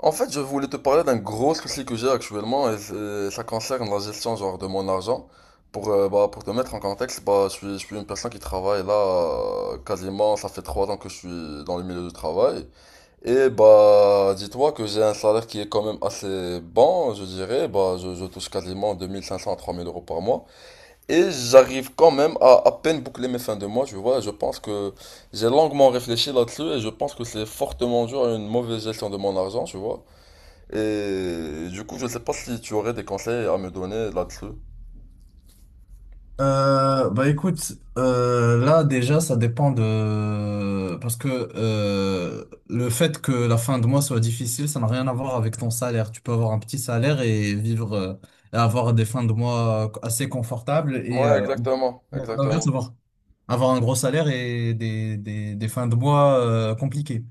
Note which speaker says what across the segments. Speaker 1: En fait, je voulais te parler d'un gros souci que j'ai actuellement et ça concerne la gestion genre de mon argent. Pour, bah, pour te mettre en contexte, bah, je suis une personne qui travaille là quasiment, ça fait 3 ans que je suis dans le milieu du travail. Et bah dis-toi que j'ai un salaire qui est quand même assez bon, je dirais. Bah, je touche quasiment 2 500 à 3 000 euros par mois. Et j'arrive quand même à peine boucler mes fins de mois, tu vois. Je pense que j'ai longuement réfléchi là-dessus et je pense que c'est fortement dû à une mauvaise gestion de mon argent, tu vois. Et du coup, je ne sais pas si tu aurais des conseils à me donner là-dessus.
Speaker 2: Bah écoute, là déjà ça dépend de... Parce que le fait que la fin de mois soit difficile, ça n'a rien à voir avec ton salaire. Tu peux avoir un petit salaire et vivre et avoir des fins de mois assez confortables
Speaker 1: Ouais, exactement,
Speaker 2: non, l'inverse,
Speaker 1: exactement.
Speaker 2: avoir un gros salaire et des fins de mois compliquées.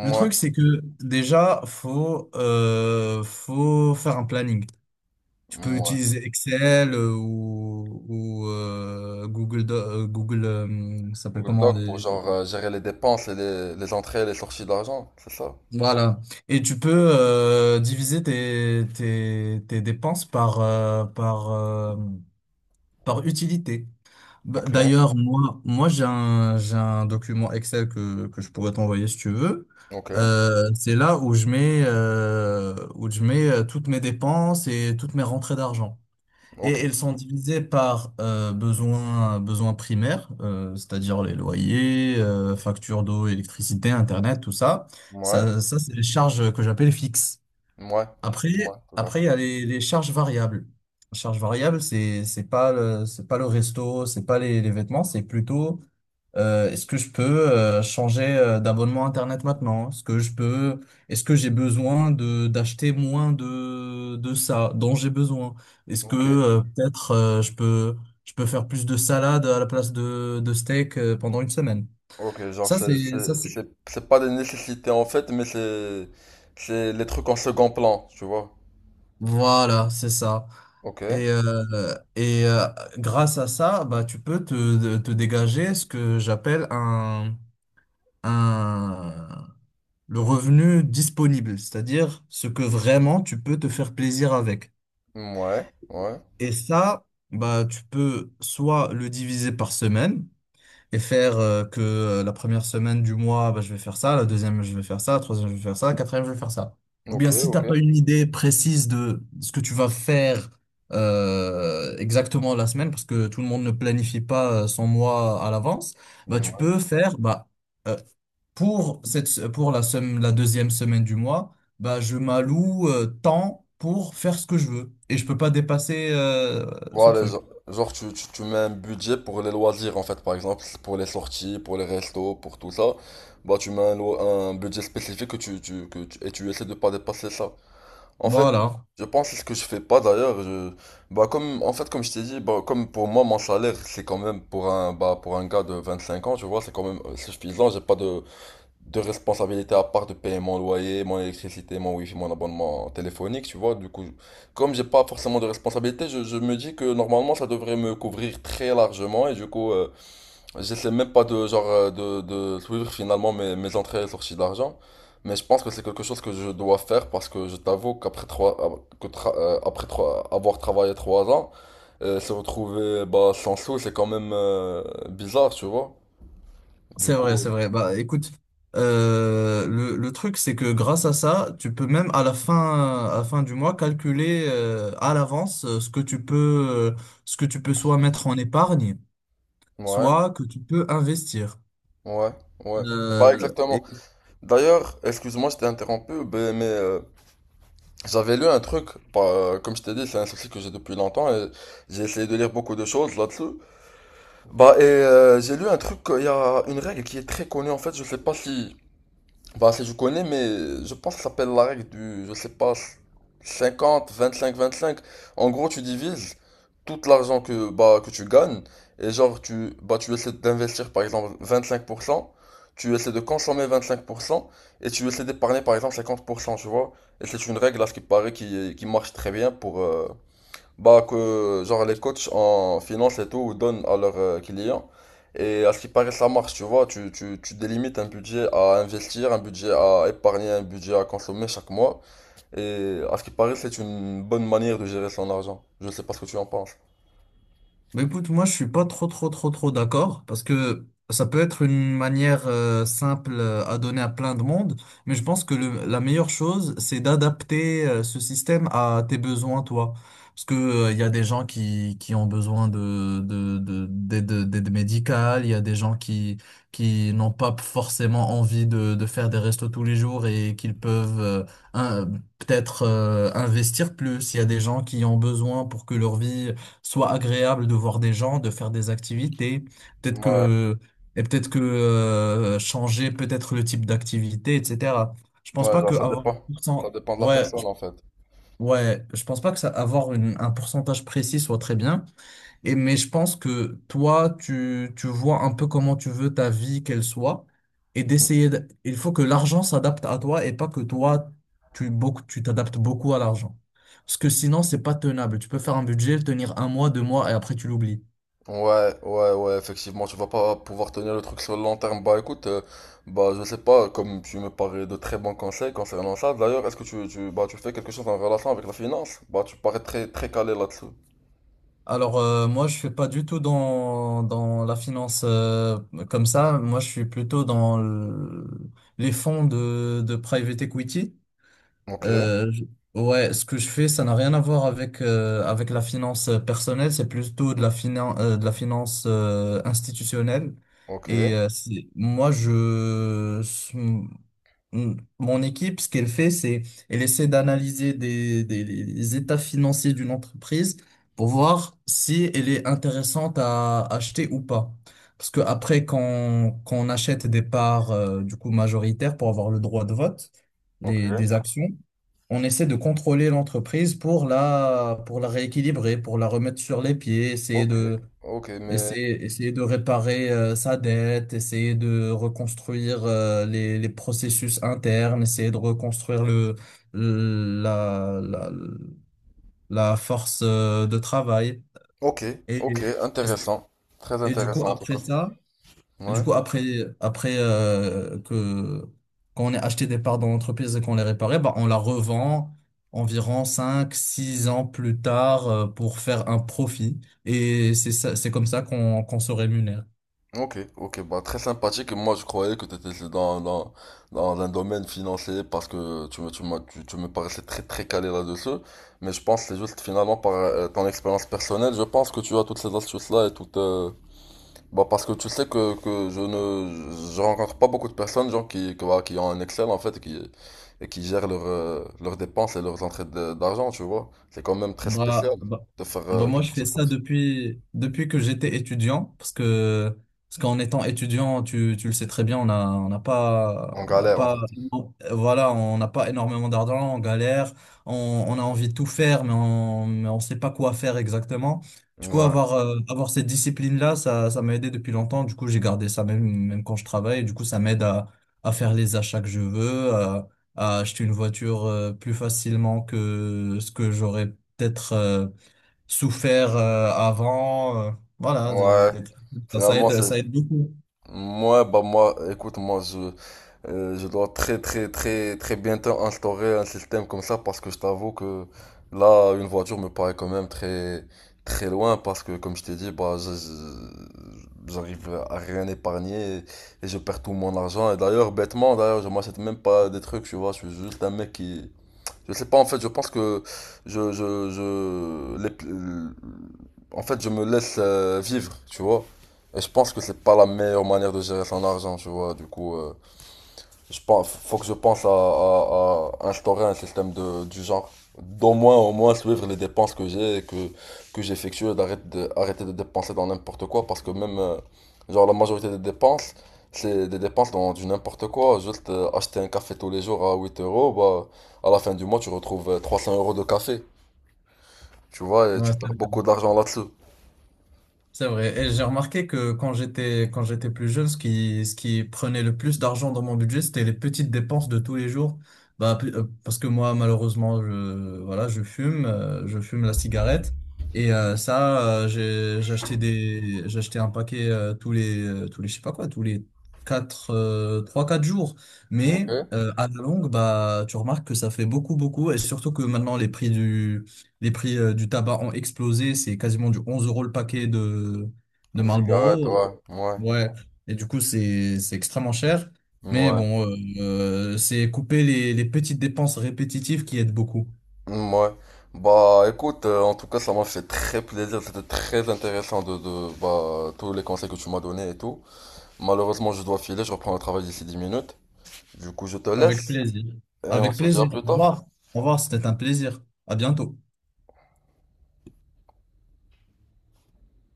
Speaker 2: Le truc c'est que déjà faut faire un planning. Tu peux
Speaker 1: ouais.
Speaker 2: utiliser Excel ou Google, ça s'appelle
Speaker 1: Google
Speaker 2: comment?
Speaker 1: Doc pour genre gérer les dépenses et les entrées et les sorties d'argent, c'est ça?
Speaker 2: Voilà. Et tu peux diviser tes dépenses par utilité.
Speaker 1: Ok,
Speaker 2: D'ailleurs, moi j'ai j'ai un document Excel que je pourrais t'envoyer si tu veux.
Speaker 1: ok,
Speaker 2: C'est là où je où je mets toutes mes dépenses et toutes mes rentrées d'argent. Et
Speaker 1: ok.
Speaker 2: elles sont divisées par besoins primaires, c'est-à-dire les loyers, factures d'eau, électricité, Internet, tout ça.
Speaker 1: Ouais,
Speaker 2: Ça c'est les charges que j'appelle fixes.
Speaker 1: ouais,
Speaker 2: Après,
Speaker 1: ouais, tout à fait.
Speaker 2: après, il y a les charges variables. La charge variable, c'est pas c'est pas le resto, c'est pas les vêtements, c'est plutôt est-ce que je peux changer d'abonnement Internet maintenant? Est-ce que j'ai besoin de d'acheter moins de ça dont j'ai besoin? Est-ce que
Speaker 1: Ok,
Speaker 2: peut-être je peux faire plus de salade à la place de steak pendant une semaine?
Speaker 1: ok, genre
Speaker 2: Ça,
Speaker 1: c'est
Speaker 2: c'est, ça,
Speaker 1: c'est-
Speaker 2: c'est-
Speaker 1: c'est- c'est pas des nécessités en fait, mais c'est les trucs en second plan, tu vois.
Speaker 2: Voilà, c'est ça.
Speaker 1: Ok,
Speaker 2: Et, euh, et euh, Grâce à ça, bah, tu peux te dégager ce que j'appelle un, le revenu disponible, c'est-à-dire ce que vraiment tu peux te faire plaisir avec.
Speaker 1: ouais, ouais,
Speaker 2: Et ça, bah, tu peux soit le diviser par semaine, et faire que la première semaine du mois, bah, je vais faire ça, la deuxième, je vais faire ça, la troisième, je vais faire ça, la quatrième, je vais faire ça. Ou
Speaker 1: ok,
Speaker 2: bien si t'as
Speaker 1: ok.
Speaker 2: pas une idée précise de ce que tu vas faire exactement la semaine, parce que tout le monde ne planifie pas son mois à l'avance, bah, tu peux faire euh, pour la deuxième semaine du mois, bah, je m'alloue tant pour faire ce que je veux. Et je peux pas dépasser ce
Speaker 1: Voilà,
Speaker 2: truc.
Speaker 1: genre, tu mets un budget pour les loisirs en fait, par exemple, pour les sorties, pour les restos, pour tout ça. Bah tu mets un budget spécifique que tu, que tu- et tu essaies de pas dépasser ça. En fait,
Speaker 2: Voilà.
Speaker 1: je pense que c'est ce que je fais pas d'ailleurs. Bah comme en fait comme je t'ai dit, bah, comme pour moi mon salaire c'est quand même pour un bah pour un gars de 25 ans, tu vois, c'est quand même suffisant. J'ai pas de responsabilité à part de payer mon loyer, mon électricité, mon wifi, mon abonnement téléphonique, tu vois. Du coup, comme j'ai pas forcément de responsabilité, je me dis que normalement ça devrait me couvrir très largement et du coup, j'essaie même pas de genre de suivre finalement mes entrées et sorties d'argent. Mais je pense que c'est quelque chose que je dois faire parce que je t'avoue qu'après trois, que tra- après avoir travaillé 3 ans, se retrouver bah, sans sous, c'est quand même bizarre, tu vois. Du
Speaker 2: C'est vrai, c'est
Speaker 1: coup,
Speaker 2: vrai. Bah, écoute, le truc, c'est que grâce à ça, tu peux même à la fin du mois calculer à l'avance ce que tu peux, ce que tu peux soit mettre en épargne,
Speaker 1: ouais.
Speaker 2: soit que tu peux investir.
Speaker 1: Ouais, ouais. Bah
Speaker 2: Euh,
Speaker 1: exactement. D'ailleurs, excuse-moi, je t'ai interrompu, ben, mais j'avais lu un truc, bah, comme je t'ai dit, c'est un souci que j'ai depuis longtemps et j'ai essayé de lire beaucoup de choses là-dessus. Bah et j'ai lu un truc, il y a une règle qui est très connue en fait, je sais pas si bah, si je connais, mais je pense que ça s'appelle la règle du, je sais pas, 50, 25, 25. En gros, tu divises tout l'argent que, bah, que tu gagnes et genre, tu, bah, tu essaies d'investir par exemple 25%, tu essaies de consommer 25% et tu essaies d'épargner par exemple 50%, tu vois. Et c'est une règle à ce qui paraît qui marche très bien pour, bah que genre les coachs en finance et tout donnent à leurs clients et à ce qui paraît ça marche tu vois tu, tu, tu délimites un budget à investir, un budget à épargner, un budget à consommer chaque mois et à ce qui paraît c'est une bonne manière de gérer son argent. Je sais pas ce que tu en penses.
Speaker 2: Bah écoute, moi je suis pas trop d'accord parce que ça peut être une manière simple à donner à plein de monde, mais je pense que la meilleure chose c'est d'adapter ce système à tes besoins toi. Parce que il y a des gens qui ont besoin d'aide, d'aide médicale, il y a des gens qui n'ont pas forcément envie de faire des restos tous les jours et qu'ils peuvent un- peut-être investir plus. Il y a des gens qui ont besoin pour que leur vie soit agréable de voir des gens, de faire des activités, peut-être
Speaker 1: Ouais,
Speaker 2: que peut-être que changer peut-être le type d'activité, etc. Je pense
Speaker 1: ouais
Speaker 2: pas
Speaker 1: genre
Speaker 2: que
Speaker 1: ça
Speaker 2: avoir
Speaker 1: dépend.
Speaker 2: un
Speaker 1: Ça
Speaker 2: pourcent-
Speaker 1: dépend de la
Speaker 2: ouais,
Speaker 1: personne
Speaker 2: je-
Speaker 1: en fait.
Speaker 2: Ouais, je pense pas que ça un pourcentage précis soit très bien. Mais je pense que toi, tu vois un peu comment tu veux ta vie qu'elle soit et il faut que l'argent s'adapte à toi et pas que toi, tu t'adaptes beaucoup à l'argent. Parce que sinon, c'est pas tenable. Tu peux faire un budget, le tenir un mois, deux mois et après tu l'oublies.
Speaker 1: Ouais, ouais, ouais, effectivement, tu vas pas pouvoir tenir le truc sur le long terme. Bah écoute, bah je sais pas, comme tu me parais de très bons conseils concernant ça, d'ailleurs, est-ce que bah, tu fais quelque chose en relation avec la finance? Bah tu parais très, très calé là-dessus.
Speaker 2: Alors, moi, je suis pas du tout dans la finance comme ça. Moi, je suis plutôt dans les fonds de private equity.
Speaker 1: Ok,
Speaker 2: Euh, je- ouais, ce que je fais, ça n'a rien à voir avec, avec la finance personnelle, c'est plutôt de la finance institutionnelle.
Speaker 1: ok,
Speaker 2: Et euh, c'est- moi, je, Mm. Mon équipe, ce qu'elle fait, c'est elle essaie d'analyser les états financiers d'une entreprise pour voir si elle est intéressante à acheter ou pas. Parce que après, quand on achète des parts du coup majoritaires pour avoir le droit de vote,
Speaker 1: ok,
Speaker 2: des actions, on essaie de contrôler l'entreprise pour la rééquilibrer, pour la remettre sur les pieds,
Speaker 1: ok, ok, mais.
Speaker 2: Essayer de réparer sa dette, essayer de reconstruire les processus internes, essayer de reconstruire la, la, la force de travail.
Speaker 1: Ok,
Speaker 2: Et,
Speaker 1: ok,
Speaker 2: et,
Speaker 1: intéressant. Très
Speaker 2: et du coup,
Speaker 1: intéressant en tout cas.
Speaker 2: après ça, du
Speaker 1: Ouais.
Speaker 2: coup, après, après que, quand on a acheté des parts dans l'entreprise et qu'on les réparait, bah, on la revend environ 5 6 ans plus tard pour faire un profit. Et c'est ça, c'est comme ça qu'on se rémunère.
Speaker 1: Ok, ok, bah très sympathique. Et moi, je croyais que tu étais dans, dans, dans un domaine financier parce que tu me, tu m'as- tu me paraissais très très calé là-dessus. Mais je pense que c'est juste finalement par ton expérience personnelle, je pense que tu as toutes ces astuces-là et toutes. Bah parce que tu sais que je rencontre pas beaucoup de personnes genre voilà, qui ont un Excel en fait et qui gèrent leurs dépenses et leurs entrées d'argent, tu vois. C'est quand même très
Speaker 2: Bah,
Speaker 1: spécial
Speaker 2: bah,
Speaker 1: de faire
Speaker 2: Bah, moi, je
Speaker 1: quelque
Speaker 2: fais
Speaker 1: chose comme
Speaker 2: ça
Speaker 1: ça.
Speaker 2: depuis que j'étais étudiant, parce qu'en étant étudiant, tu le sais très bien,
Speaker 1: On
Speaker 2: on n'a
Speaker 1: galère en
Speaker 2: pas,
Speaker 1: fait.
Speaker 2: voilà, on n'a pas énormément d'argent, on galère, on a envie de tout faire, mais mais on sait pas quoi faire exactement. Du coup,
Speaker 1: Ouais,
Speaker 2: avoir cette discipline-là, ça m'a aidé depuis longtemps. Du coup, j'ai gardé ça même quand je travaille. Du coup, ça m'aide à faire les achats que je veux, à acheter une voiture plus facilement que ce que j'aurais peut-être souffert avant. Voilà,
Speaker 1: ouais.
Speaker 2: des trucs comme ça,
Speaker 1: Finalement, c'est
Speaker 2: ça aide beaucoup.
Speaker 1: Moi, bah moi, écoute, je dois très, très, très, très bientôt instaurer un système comme ça parce que je t'avoue que là, une voiture me paraît quand même très, très loin parce que, comme je t'ai dit, bah, j'arrive à rien épargner et je perds tout mon argent. Et d'ailleurs, bêtement, d'ailleurs, je m'achète même pas des trucs, tu vois, je suis juste un mec qui, je sais pas, en fait, je pense que je, je, je, les- en fait, je me laisse vivre, tu vois. Et je pense que c'est pas la meilleure manière de gérer son argent, tu vois. Du coup, je pense, faut que je pense à instaurer un système de, du genre. D'au moins, au moins suivre les dépenses que j'ai, que j'effectue, et d'arrêter de dépenser dans n'importe quoi, parce que même, genre, la majorité des dépenses, c'est des dépenses dans du n'importe quoi. Juste acheter un café tous les jours à 8 euros, bah, à la fin du mois, tu retrouves 300 euros de café, tu vois, et
Speaker 2: Ouais,
Speaker 1: tu perds beaucoup d'argent là-dessus.
Speaker 2: c'est vrai. Et j'ai remarqué que quand j'étais plus jeune, ce qui prenait le plus d'argent dans mon budget, c'était les petites dépenses de tous les jours. Parce que moi malheureusement je voilà je fume la cigarette et ça j'achetais un paquet tous les je sais pas quoi tous les quatre trois quatre jours. Mais
Speaker 1: Ok.
Speaker 2: à la longue bah tu remarques que ça fait beaucoup beaucoup et surtout que maintenant les prix du tabac ont explosé. C'est quasiment du 11 euros le paquet de
Speaker 1: Des cigarettes,
Speaker 2: Marlboro.
Speaker 1: ouais, ouais,
Speaker 2: Ouais. Et du coup, c'est extrêmement cher. Mais
Speaker 1: ouais.
Speaker 2: bon, c'est couper les petites dépenses répétitives qui aident beaucoup.
Speaker 1: Ouais. Bah écoute, en tout cas ça m'a fait très plaisir, c'était très intéressant de tous les conseils que tu m'as donnés et tout. Malheureusement je dois filer, je reprends le travail d'ici 10 minutes. Du coup je te
Speaker 2: Avec
Speaker 1: laisse
Speaker 2: plaisir.
Speaker 1: et on
Speaker 2: Avec
Speaker 1: se dit à
Speaker 2: plaisir.
Speaker 1: plus
Speaker 2: Au
Speaker 1: tard.
Speaker 2: revoir. Au revoir, c'était un plaisir. À bientôt.